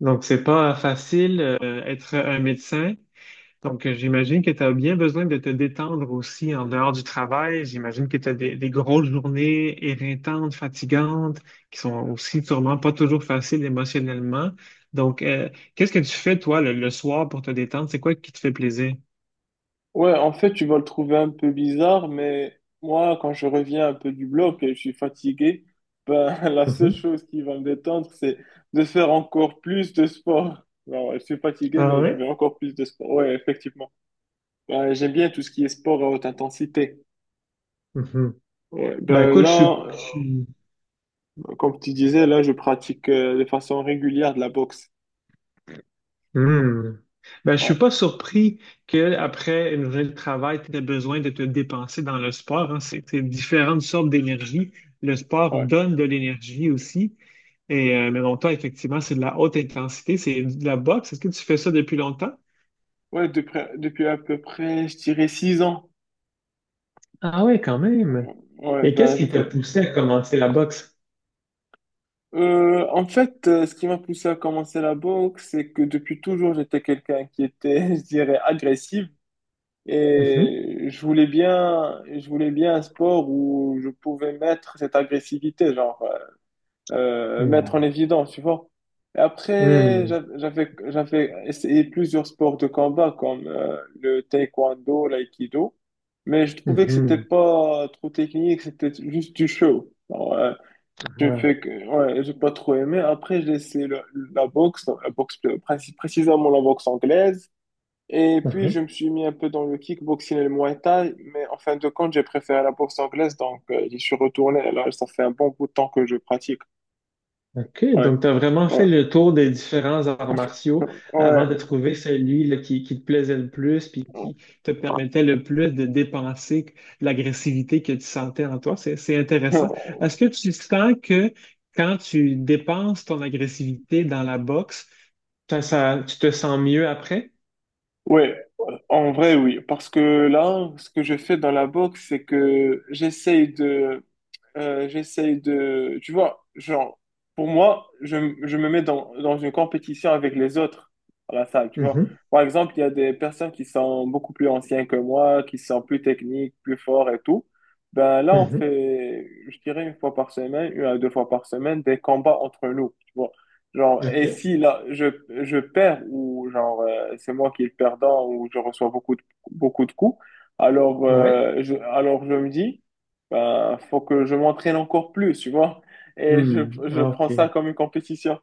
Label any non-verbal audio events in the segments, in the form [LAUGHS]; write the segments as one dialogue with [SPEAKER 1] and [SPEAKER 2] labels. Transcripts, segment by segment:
[SPEAKER 1] Donc, c'est pas facile, être un médecin. Donc, j'imagine que tu as bien besoin de te détendre aussi en dehors du travail. J'imagine que tu as des grosses journées éreintantes, fatigantes, qui sont aussi sûrement pas toujours faciles émotionnellement. Donc, qu'est-ce que tu fais, toi, le soir pour te détendre? C'est quoi qui te fait plaisir?
[SPEAKER 2] Ouais, en fait, tu vas le trouver un peu bizarre, mais moi, quand je reviens un peu du bloc et je suis fatigué, ben, [LAUGHS] la seule
[SPEAKER 1] Mhm.
[SPEAKER 2] chose qui va me détendre, c'est de faire encore plus de sport. Alors, je suis fatigué,
[SPEAKER 1] Ah
[SPEAKER 2] mais je fais
[SPEAKER 1] ouais?
[SPEAKER 2] encore plus de sport. Ouais, effectivement. Ben, j'aime bien tout ce qui est sport à haute intensité.
[SPEAKER 1] Mhm.
[SPEAKER 2] Ouais,
[SPEAKER 1] Ben
[SPEAKER 2] ben
[SPEAKER 1] écoute,
[SPEAKER 2] là, comme tu disais, là, je pratique de façon régulière de la boxe.
[SPEAKER 1] Hmm. Ben, je
[SPEAKER 2] Ouais,
[SPEAKER 1] suis pas surpris qu'après une journée de travail, tu aies besoin de te dépenser dans le sport, hein. C'est différentes sortes d'énergie. Le sport
[SPEAKER 2] ouais.
[SPEAKER 1] donne de l'énergie aussi. Et, mais bon, toi, effectivement, c'est de la haute intensité, c'est de la boxe. Est-ce que tu fais ça depuis longtemps?
[SPEAKER 2] Ouais, depuis à peu près, je dirais 6 ans.
[SPEAKER 1] Ah oui, quand même.
[SPEAKER 2] Ouais,
[SPEAKER 1] Et qu'est-ce
[SPEAKER 2] ben, je
[SPEAKER 1] qui t'a
[SPEAKER 2] fais,
[SPEAKER 1] poussé à commencer la boxe?
[SPEAKER 2] En fait, ce qui m'a poussé à commencer la boxe, c'est que depuis toujours, j'étais quelqu'un qui était, [LAUGHS] je dirais, agressif
[SPEAKER 1] Mhm.
[SPEAKER 2] et je voulais bien un sport où je pouvais mettre cette agressivité,
[SPEAKER 1] Hmm.
[SPEAKER 2] mettre en évidence, tu vois. Et après,
[SPEAKER 1] Hmm.
[SPEAKER 2] j'avais essayé plusieurs sports de combat comme le taekwondo, l'aïkido, mais je trouvais que c'était
[SPEAKER 1] Mhm.
[SPEAKER 2] pas trop technique, c'était juste du show. J'ai fait que, ouais, j'ai pas trop aimé. Après, la boxe, précisément la boxe anglaise. Et puis, je
[SPEAKER 1] Ah.
[SPEAKER 2] me suis mis un peu dans le kickboxing et le muay thai. Mais en fin de compte, j'ai préféré la boxe anglaise. Donc, j'y suis retourné. Et là, ça fait un bon bout de temps que je pratique.
[SPEAKER 1] OK,
[SPEAKER 2] Ouais,
[SPEAKER 1] donc tu as vraiment fait
[SPEAKER 2] ouais,
[SPEAKER 1] le tour des différents arts martiaux
[SPEAKER 2] [LAUGHS] ouais.
[SPEAKER 1] avant de trouver celui là, qui te plaisait le plus puis qui te permettait le plus de dépenser l'agressivité que tu sentais en toi. C'est intéressant. Est-ce que tu sens que quand tu dépenses ton agressivité dans la boxe, tu te sens mieux après?
[SPEAKER 2] Ouais, en vrai, oui. Parce que là, ce que je fais dans la boxe, c'est que j'essaye de... Tu vois, genre, pour moi, je me mets dans une compétition avec les autres à la salle, tu vois.
[SPEAKER 1] Mhm,
[SPEAKER 2] Par exemple, il y a des personnes qui sont beaucoup plus anciennes que moi, qui sont plus techniques, plus forts et tout. Ben là, on
[SPEAKER 1] mhm.
[SPEAKER 2] fait, je dirais, une fois par semaine, une à deux fois par semaine, des combats entre nous, tu vois. Genre,
[SPEAKER 1] OK.
[SPEAKER 2] et si là, je perds ou c'est moi qui est le perdant ou je reçois beaucoup de coups,
[SPEAKER 1] Ouais.
[SPEAKER 2] alors je me dis... Ben, faut que je m'entraîne encore plus, tu vois. Et je,
[SPEAKER 1] Hmm,
[SPEAKER 2] je prends ça
[SPEAKER 1] OK.
[SPEAKER 2] comme une compétition.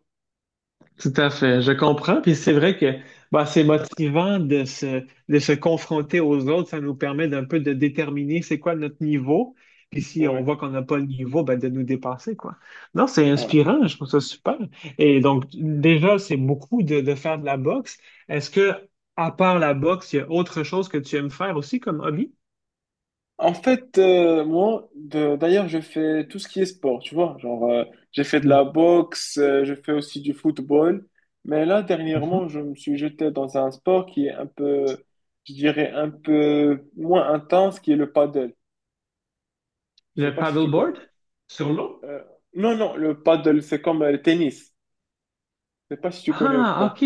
[SPEAKER 1] Tout à fait, je comprends. Puis c'est vrai que bah, c'est motivant de se confronter aux autres. Ça nous permet d'un peu de déterminer c'est quoi notre niveau. Puis si on
[SPEAKER 2] Ouais,
[SPEAKER 1] voit qu'on n'a pas le niveau, ben, de nous dépasser, quoi. Non, c'est
[SPEAKER 2] ouais.
[SPEAKER 1] inspirant, je trouve ça super. Et donc, déjà, c'est beaucoup de faire de la boxe. Est-ce que, à part la boxe, il y a autre chose que tu aimes faire aussi comme hobby?
[SPEAKER 2] En fait, d'ailleurs, je fais tout ce qui est sport, tu vois. J'ai fait de la boxe, je fais aussi du football. Mais là, dernièrement,
[SPEAKER 1] Mhm.
[SPEAKER 2] je me suis jeté dans un sport qui est un peu, je dirais, un peu moins intense, qui est le paddle. Je sais
[SPEAKER 1] Le
[SPEAKER 2] pas si tu connais.
[SPEAKER 1] paddleboard sur l'eau?
[SPEAKER 2] Euh, non, non, le paddle, c'est comme le tennis. Je sais pas si tu connais ou
[SPEAKER 1] Ah,
[SPEAKER 2] pas.
[SPEAKER 1] OK.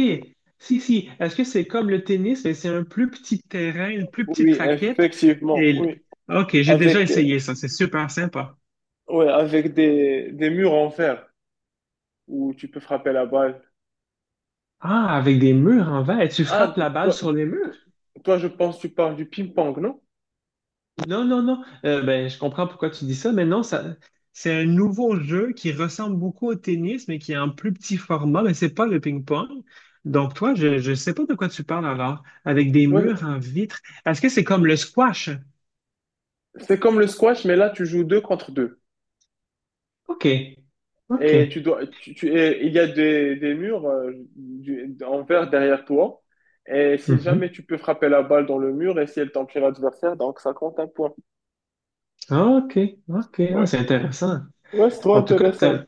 [SPEAKER 1] Si, si. Est-ce que c'est comme le tennis, mais c'est un plus petit terrain, une plus petite
[SPEAKER 2] Oui,
[SPEAKER 1] raquette?
[SPEAKER 2] effectivement,
[SPEAKER 1] Et... l-
[SPEAKER 2] oui.
[SPEAKER 1] OK, j'ai déjà
[SPEAKER 2] Avec, euh,
[SPEAKER 1] essayé ça. C'est super sympa.
[SPEAKER 2] ouais, avec des murs en fer où tu peux frapper la balle.
[SPEAKER 1] Ah, avec des murs en verre. Et tu
[SPEAKER 2] Ah,
[SPEAKER 1] frappes la balle sur les
[SPEAKER 2] toi,
[SPEAKER 1] murs?
[SPEAKER 2] toi, je pense que tu parles du ping-pong, non?
[SPEAKER 1] Non, non, non. Ben, je comprends pourquoi tu dis ça, mais non, ça, c'est un nouveau jeu qui ressemble beaucoup au tennis, mais qui est en plus petit format, mais c'est pas le ping-pong. Donc, toi, je ne sais pas de quoi tu parles alors, avec des murs
[SPEAKER 2] Ouais,
[SPEAKER 1] en vitre. Est-ce que c'est comme le squash?
[SPEAKER 2] c'est comme le squash, mais là, tu joues deux contre deux.
[SPEAKER 1] OK.
[SPEAKER 2] Et tu
[SPEAKER 1] OK.
[SPEAKER 2] dois, tu- et il y a des murs en verre derrière toi. Et si
[SPEAKER 1] Mhm.
[SPEAKER 2] jamais tu peux frapper la balle dans le mur et si elle tombe chez l'adversaire, donc ça compte un point.
[SPEAKER 1] Ah, OK, OK, ah,
[SPEAKER 2] Ouais,
[SPEAKER 1] c'est intéressant.
[SPEAKER 2] ouais, c'est trop
[SPEAKER 1] En tout cas,
[SPEAKER 2] intéressant.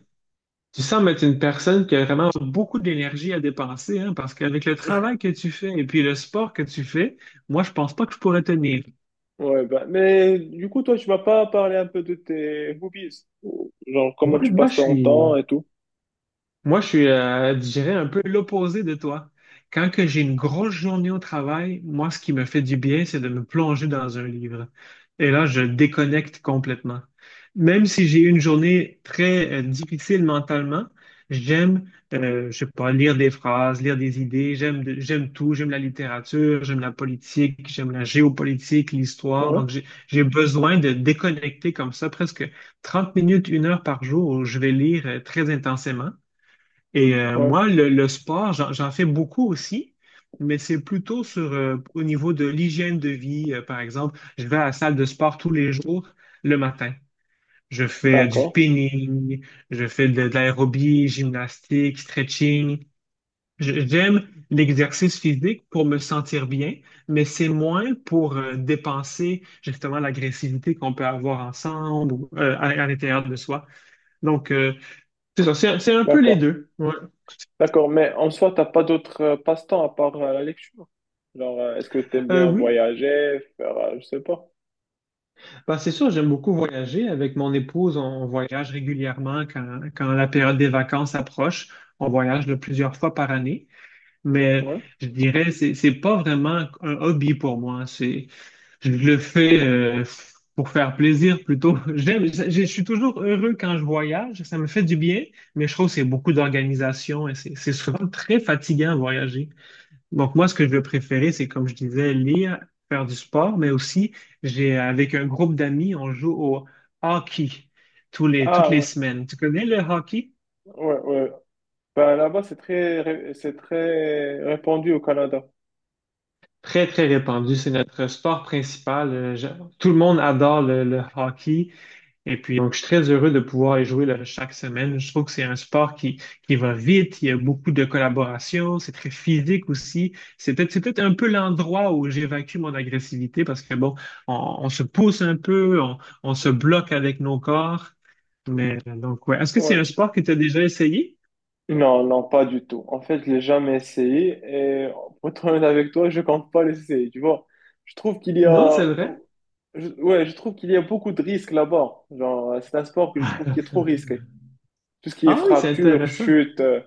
[SPEAKER 1] tu sembles être une personne qui a vraiment beaucoup d'énergie à dépenser, hein, parce qu'avec le travail que tu fais et puis le sport que tu fais, moi, je pense pas que je pourrais tenir.
[SPEAKER 2] Ouais, bah, mais du coup, toi, tu vas pas parler un peu de tes hobbies, genre
[SPEAKER 1] Oui,
[SPEAKER 2] comment tu
[SPEAKER 1] moi,
[SPEAKER 2] passes
[SPEAKER 1] je
[SPEAKER 2] ton temps
[SPEAKER 1] suis,
[SPEAKER 2] et tout.
[SPEAKER 1] Moi, je suis, je dirais, un peu l'opposé de toi. Quand que j'ai une grosse journée au travail, moi, ce qui me fait du bien, c'est de me plonger dans un livre. Et là, je déconnecte complètement. Même si j'ai eu une journée très, difficile mentalement, je sais pas, lire des phrases, lire des idées, j'aime tout, j'aime la littérature, j'aime la politique, j'aime la géopolitique, l'histoire.
[SPEAKER 2] Ouais,
[SPEAKER 1] Donc, j'ai besoin de déconnecter comme ça presque 30 minutes, une heure par jour où je vais lire, très intensément. Et
[SPEAKER 2] ouais,
[SPEAKER 1] moi, le sport, j'en fais beaucoup aussi, mais c'est plutôt sur, au niveau de l'hygiène de vie. Par exemple, je vais à la salle de sport tous les jours le matin. Je fais du
[SPEAKER 2] d'accord,
[SPEAKER 1] spinning, je fais de l'aérobie, gymnastique, stretching. J'aime l'exercice physique pour me sentir bien, mais c'est moins pour dépenser justement l'agressivité qu'on peut avoir ensemble ou à l'intérieur de soi. Donc, c'est ça, c'est un peu les
[SPEAKER 2] d'accord,
[SPEAKER 1] deux. Ouais.
[SPEAKER 2] d'accord. Mais en soi, t'as pas d'autres passe-temps à part la lecture. Genre, est-ce que t'aimes
[SPEAKER 1] Euh,
[SPEAKER 2] bien
[SPEAKER 1] oui,
[SPEAKER 2] voyager, faire, je sais pas.
[SPEAKER 1] Ben, c'est sûr, j'aime beaucoup voyager. Avec mon épouse, on voyage régulièrement quand la période des vacances approche. On voyage de plusieurs fois par année. Mais
[SPEAKER 2] Ouais.
[SPEAKER 1] je dirais, c'est pas vraiment un hobby pour moi. C'est, je le fais pour faire plaisir plutôt. [LAUGHS] Je suis toujours heureux quand je voyage. Ça me fait du bien, mais je trouve que c'est beaucoup d'organisation et c'est souvent très fatigant à voyager. Donc moi, ce que je vais préférer, c'est comme je disais, lire, faire du sport, mais aussi, j'ai avec un groupe d'amis, on joue au hockey toutes
[SPEAKER 2] Ah
[SPEAKER 1] les
[SPEAKER 2] ouais,
[SPEAKER 1] semaines. Tu connais le hockey?
[SPEAKER 2] ouais, ouais, Ben, là-bas, c'est très répandu au Canada.
[SPEAKER 1] Très, très répandu. C'est notre sport principal. Tout le monde adore le hockey. Et puis, donc, je suis très heureux de pouvoir y jouer là, chaque semaine. Je trouve que c'est un sport qui va vite, il y a beaucoup de collaboration, c'est très physique aussi. C'est peut-être un peu l'endroit où j'évacue mon agressivité parce que, bon, on, on se pousse un peu, on se bloque avec nos corps. Mais donc, ouais. Est-ce que c'est
[SPEAKER 2] Ouais.
[SPEAKER 1] un sport que tu as déjà essayé?
[SPEAKER 2] Non, non, pas du tout. En fait, je l'ai jamais essayé et pour être honnête avec toi, je compte pas l'essayer, tu vois. Je trouve qu'il y
[SPEAKER 1] Non,
[SPEAKER 2] a,
[SPEAKER 1] c'est vrai.
[SPEAKER 2] beau- je- ouais, je trouve qu'il y a beaucoup de risques là-bas. Genre, c'est un sport que je trouve qui est trop
[SPEAKER 1] [LAUGHS]
[SPEAKER 2] risqué. Tout ce qui est
[SPEAKER 1] Ah oui, c'est
[SPEAKER 2] fracture,
[SPEAKER 1] intéressant.
[SPEAKER 2] chute,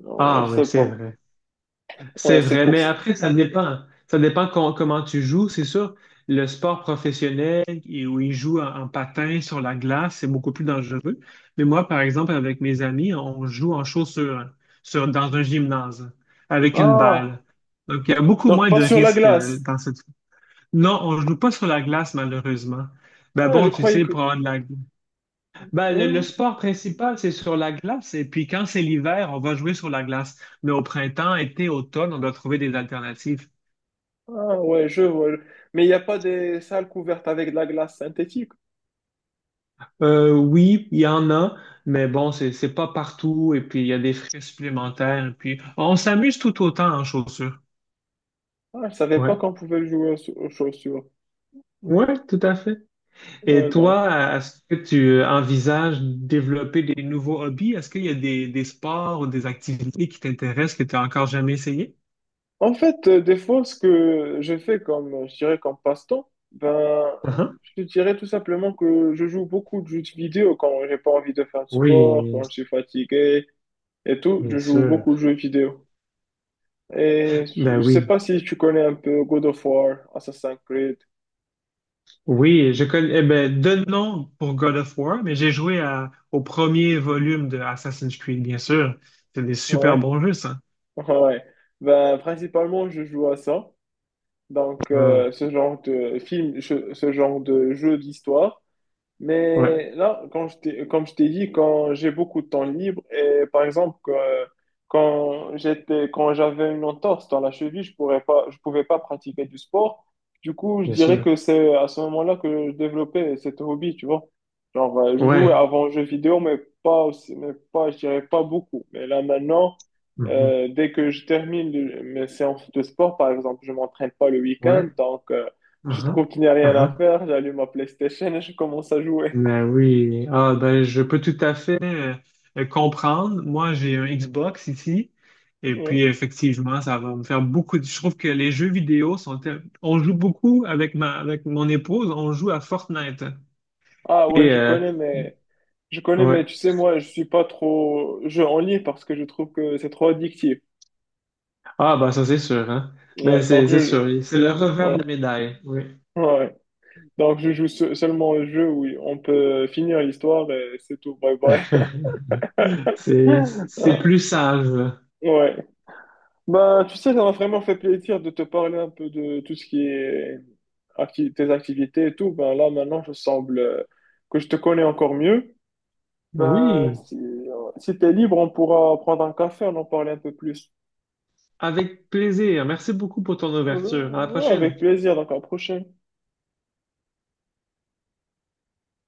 [SPEAKER 2] non, ouais,
[SPEAKER 1] Ah
[SPEAKER 2] je
[SPEAKER 1] oui,
[SPEAKER 2] sais
[SPEAKER 1] c'est
[SPEAKER 2] pas.
[SPEAKER 1] vrai.
[SPEAKER 2] Ouais,
[SPEAKER 1] C'est
[SPEAKER 2] c'est
[SPEAKER 1] vrai,
[SPEAKER 2] pour
[SPEAKER 1] mais
[SPEAKER 2] ça.
[SPEAKER 1] après, ça dépend. Ça dépend comment tu joues, c'est sûr. Le sport professionnel, et où ils jouent en, en patin sur la glace, c'est beaucoup plus dangereux. Mais moi, par exemple, avec mes amis, on joue en chaussures, sur, dans un gymnase, avec une
[SPEAKER 2] Ah,
[SPEAKER 1] balle. Donc, il y a beaucoup
[SPEAKER 2] donc
[SPEAKER 1] moins
[SPEAKER 2] pas
[SPEAKER 1] de
[SPEAKER 2] sur la
[SPEAKER 1] risques
[SPEAKER 2] glace.
[SPEAKER 1] dans cette... Non, on ne joue pas sur la glace, malheureusement. Ben
[SPEAKER 2] Ah, je
[SPEAKER 1] bon, tu
[SPEAKER 2] croyais
[SPEAKER 1] sais,
[SPEAKER 2] que.
[SPEAKER 1] pour avoir de la ben,
[SPEAKER 2] Ouais,
[SPEAKER 1] le,
[SPEAKER 2] ouais.
[SPEAKER 1] le sport principal, c'est sur la glace. Et puis quand c'est l'hiver, on va jouer sur la glace. Mais au printemps, été, automne, on doit trouver des alternatives.
[SPEAKER 2] Ah, ouais, je vois. Mais il n'y a pas des salles couvertes avec de la glace synthétique.
[SPEAKER 1] Oui, il y en a, mais bon, c'est pas partout. Et puis il y a des frais supplémentaires. Et puis on s'amuse tout autant en chaussures.
[SPEAKER 2] Ah, je savais pas
[SPEAKER 1] Ouais.
[SPEAKER 2] qu'on pouvait jouer aux chaussures.
[SPEAKER 1] Ouais, tout à fait. Et
[SPEAKER 2] Ouais, donc.
[SPEAKER 1] toi, est-ce que tu envisages développer des nouveaux hobbies? Est-ce qu'il y a des sports ou des activités qui t'intéressent que tu n'as encore jamais essayé?
[SPEAKER 2] En fait, des fois, ce que je fais comme, je dirais, comme passe-temps, ben,
[SPEAKER 1] Uh-huh.
[SPEAKER 2] je te dirais tout simplement que je joue beaucoup de jeux de vidéo quand j'ai pas envie de faire de sport,
[SPEAKER 1] Oui,
[SPEAKER 2] quand je suis fatigué et tout.
[SPEAKER 1] bien
[SPEAKER 2] Je joue
[SPEAKER 1] sûr.
[SPEAKER 2] beaucoup de jeux vidéo. Et
[SPEAKER 1] Ben
[SPEAKER 2] je sais
[SPEAKER 1] oui.
[SPEAKER 2] pas si tu connais un peu God of War, Assassin's Creed.
[SPEAKER 1] Oui, je connais, eh ben, de nom pour God of War, mais au premier volume de Assassin's Creed, bien sûr. C'est des super
[SPEAKER 2] Ouais,
[SPEAKER 1] bons jeux, ça.
[SPEAKER 2] [LAUGHS] ouais. Ben, principalement, je joue à ça. Donc,
[SPEAKER 1] Ah,
[SPEAKER 2] ce genre de jeu d'histoire.
[SPEAKER 1] ouais,
[SPEAKER 2] Mais là, comme je t'ai dit, quand j'ai beaucoup de temps libre et quand quand j'avais une entorse dans la cheville, je pouvais pas pratiquer du sport. Du coup, je
[SPEAKER 1] bien
[SPEAKER 2] dirais
[SPEAKER 1] sûr.
[SPEAKER 2] que c'est à ce moment-là que je développais cet hobby, tu vois. Genre, je jouais
[SPEAKER 1] Ouais.
[SPEAKER 2] avant aux jeux vidéo, mais pas aussi, mais pas, je dirais pas beaucoup. Mais là maintenant,
[SPEAKER 1] Mhm.
[SPEAKER 2] dès que je termine mes séances de sport, par exemple, je m'entraîne pas le week-end,
[SPEAKER 1] Ouais.
[SPEAKER 2] je
[SPEAKER 1] Aha,
[SPEAKER 2] trouve qu'il n'y a rien à
[SPEAKER 1] aha.
[SPEAKER 2] faire, j'allume ma PlayStation et je commence à jouer.
[SPEAKER 1] Ben oui. Ah, ben, je peux tout à fait comprendre. Moi, j'ai un Xbox ici. Et
[SPEAKER 2] Ouais.
[SPEAKER 1] puis, effectivement, ça va me faire Je trouve que les jeux vidéo sont. On joue beaucoup avec ma, avec mon épouse. On joue à Fortnite.
[SPEAKER 2] Ah ouais,
[SPEAKER 1] Et,
[SPEAKER 2] je connais, mais je connais, mais tu
[SPEAKER 1] ouais.
[SPEAKER 2] sais, moi, je suis pas trop jeu en ligne parce que je trouve que c'est trop addictif.
[SPEAKER 1] Ah, bah ça c'est sûr, hein. Mais
[SPEAKER 2] Ouais,
[SPEAKER 1] c'est
[SPEAKER 2] donc
[SPEAKER 1] c'est
[SPEAKER 2] je
[SPEAKER 1] sûr, c'est le revers de la
[SPEAKER 2] ouais,
[SPEAKER 1] médaille, oui.
[SPEAKER 2] ouais. Donc je joue seulement au jeu où on peut finir l'histoire et c'est tout. Bye bye.
[SPEAKER 1] [LAUGHS] C'est
[SPEAKER 2] Ah,
[SPEAKER 1] plus sage.
[SPEAKER 2] ouais. Bah, tu sais, ça m'a vraiment fait plaisir de te parler un peu de tout ce qui est tes activités et tout. Ben là, maintenant, je semble que je te connais encore mieux. Ben,
[SPEAKER 1] Oui,
[SPEAKER 2] si t'es libre, on pourra prendre un café, on en parle un peu plus.
[SPEAKER 1] avec plaisir. Merci beaucoup pour ton
[SPEAKER 2] Euh,
[SPEAKER 1] ouverture. À la
[SPEAKER 2] Ouais,
[SPEAKER 1] prochaine.
[SPEAKER 2] avec plaisir, donc à la prochaine.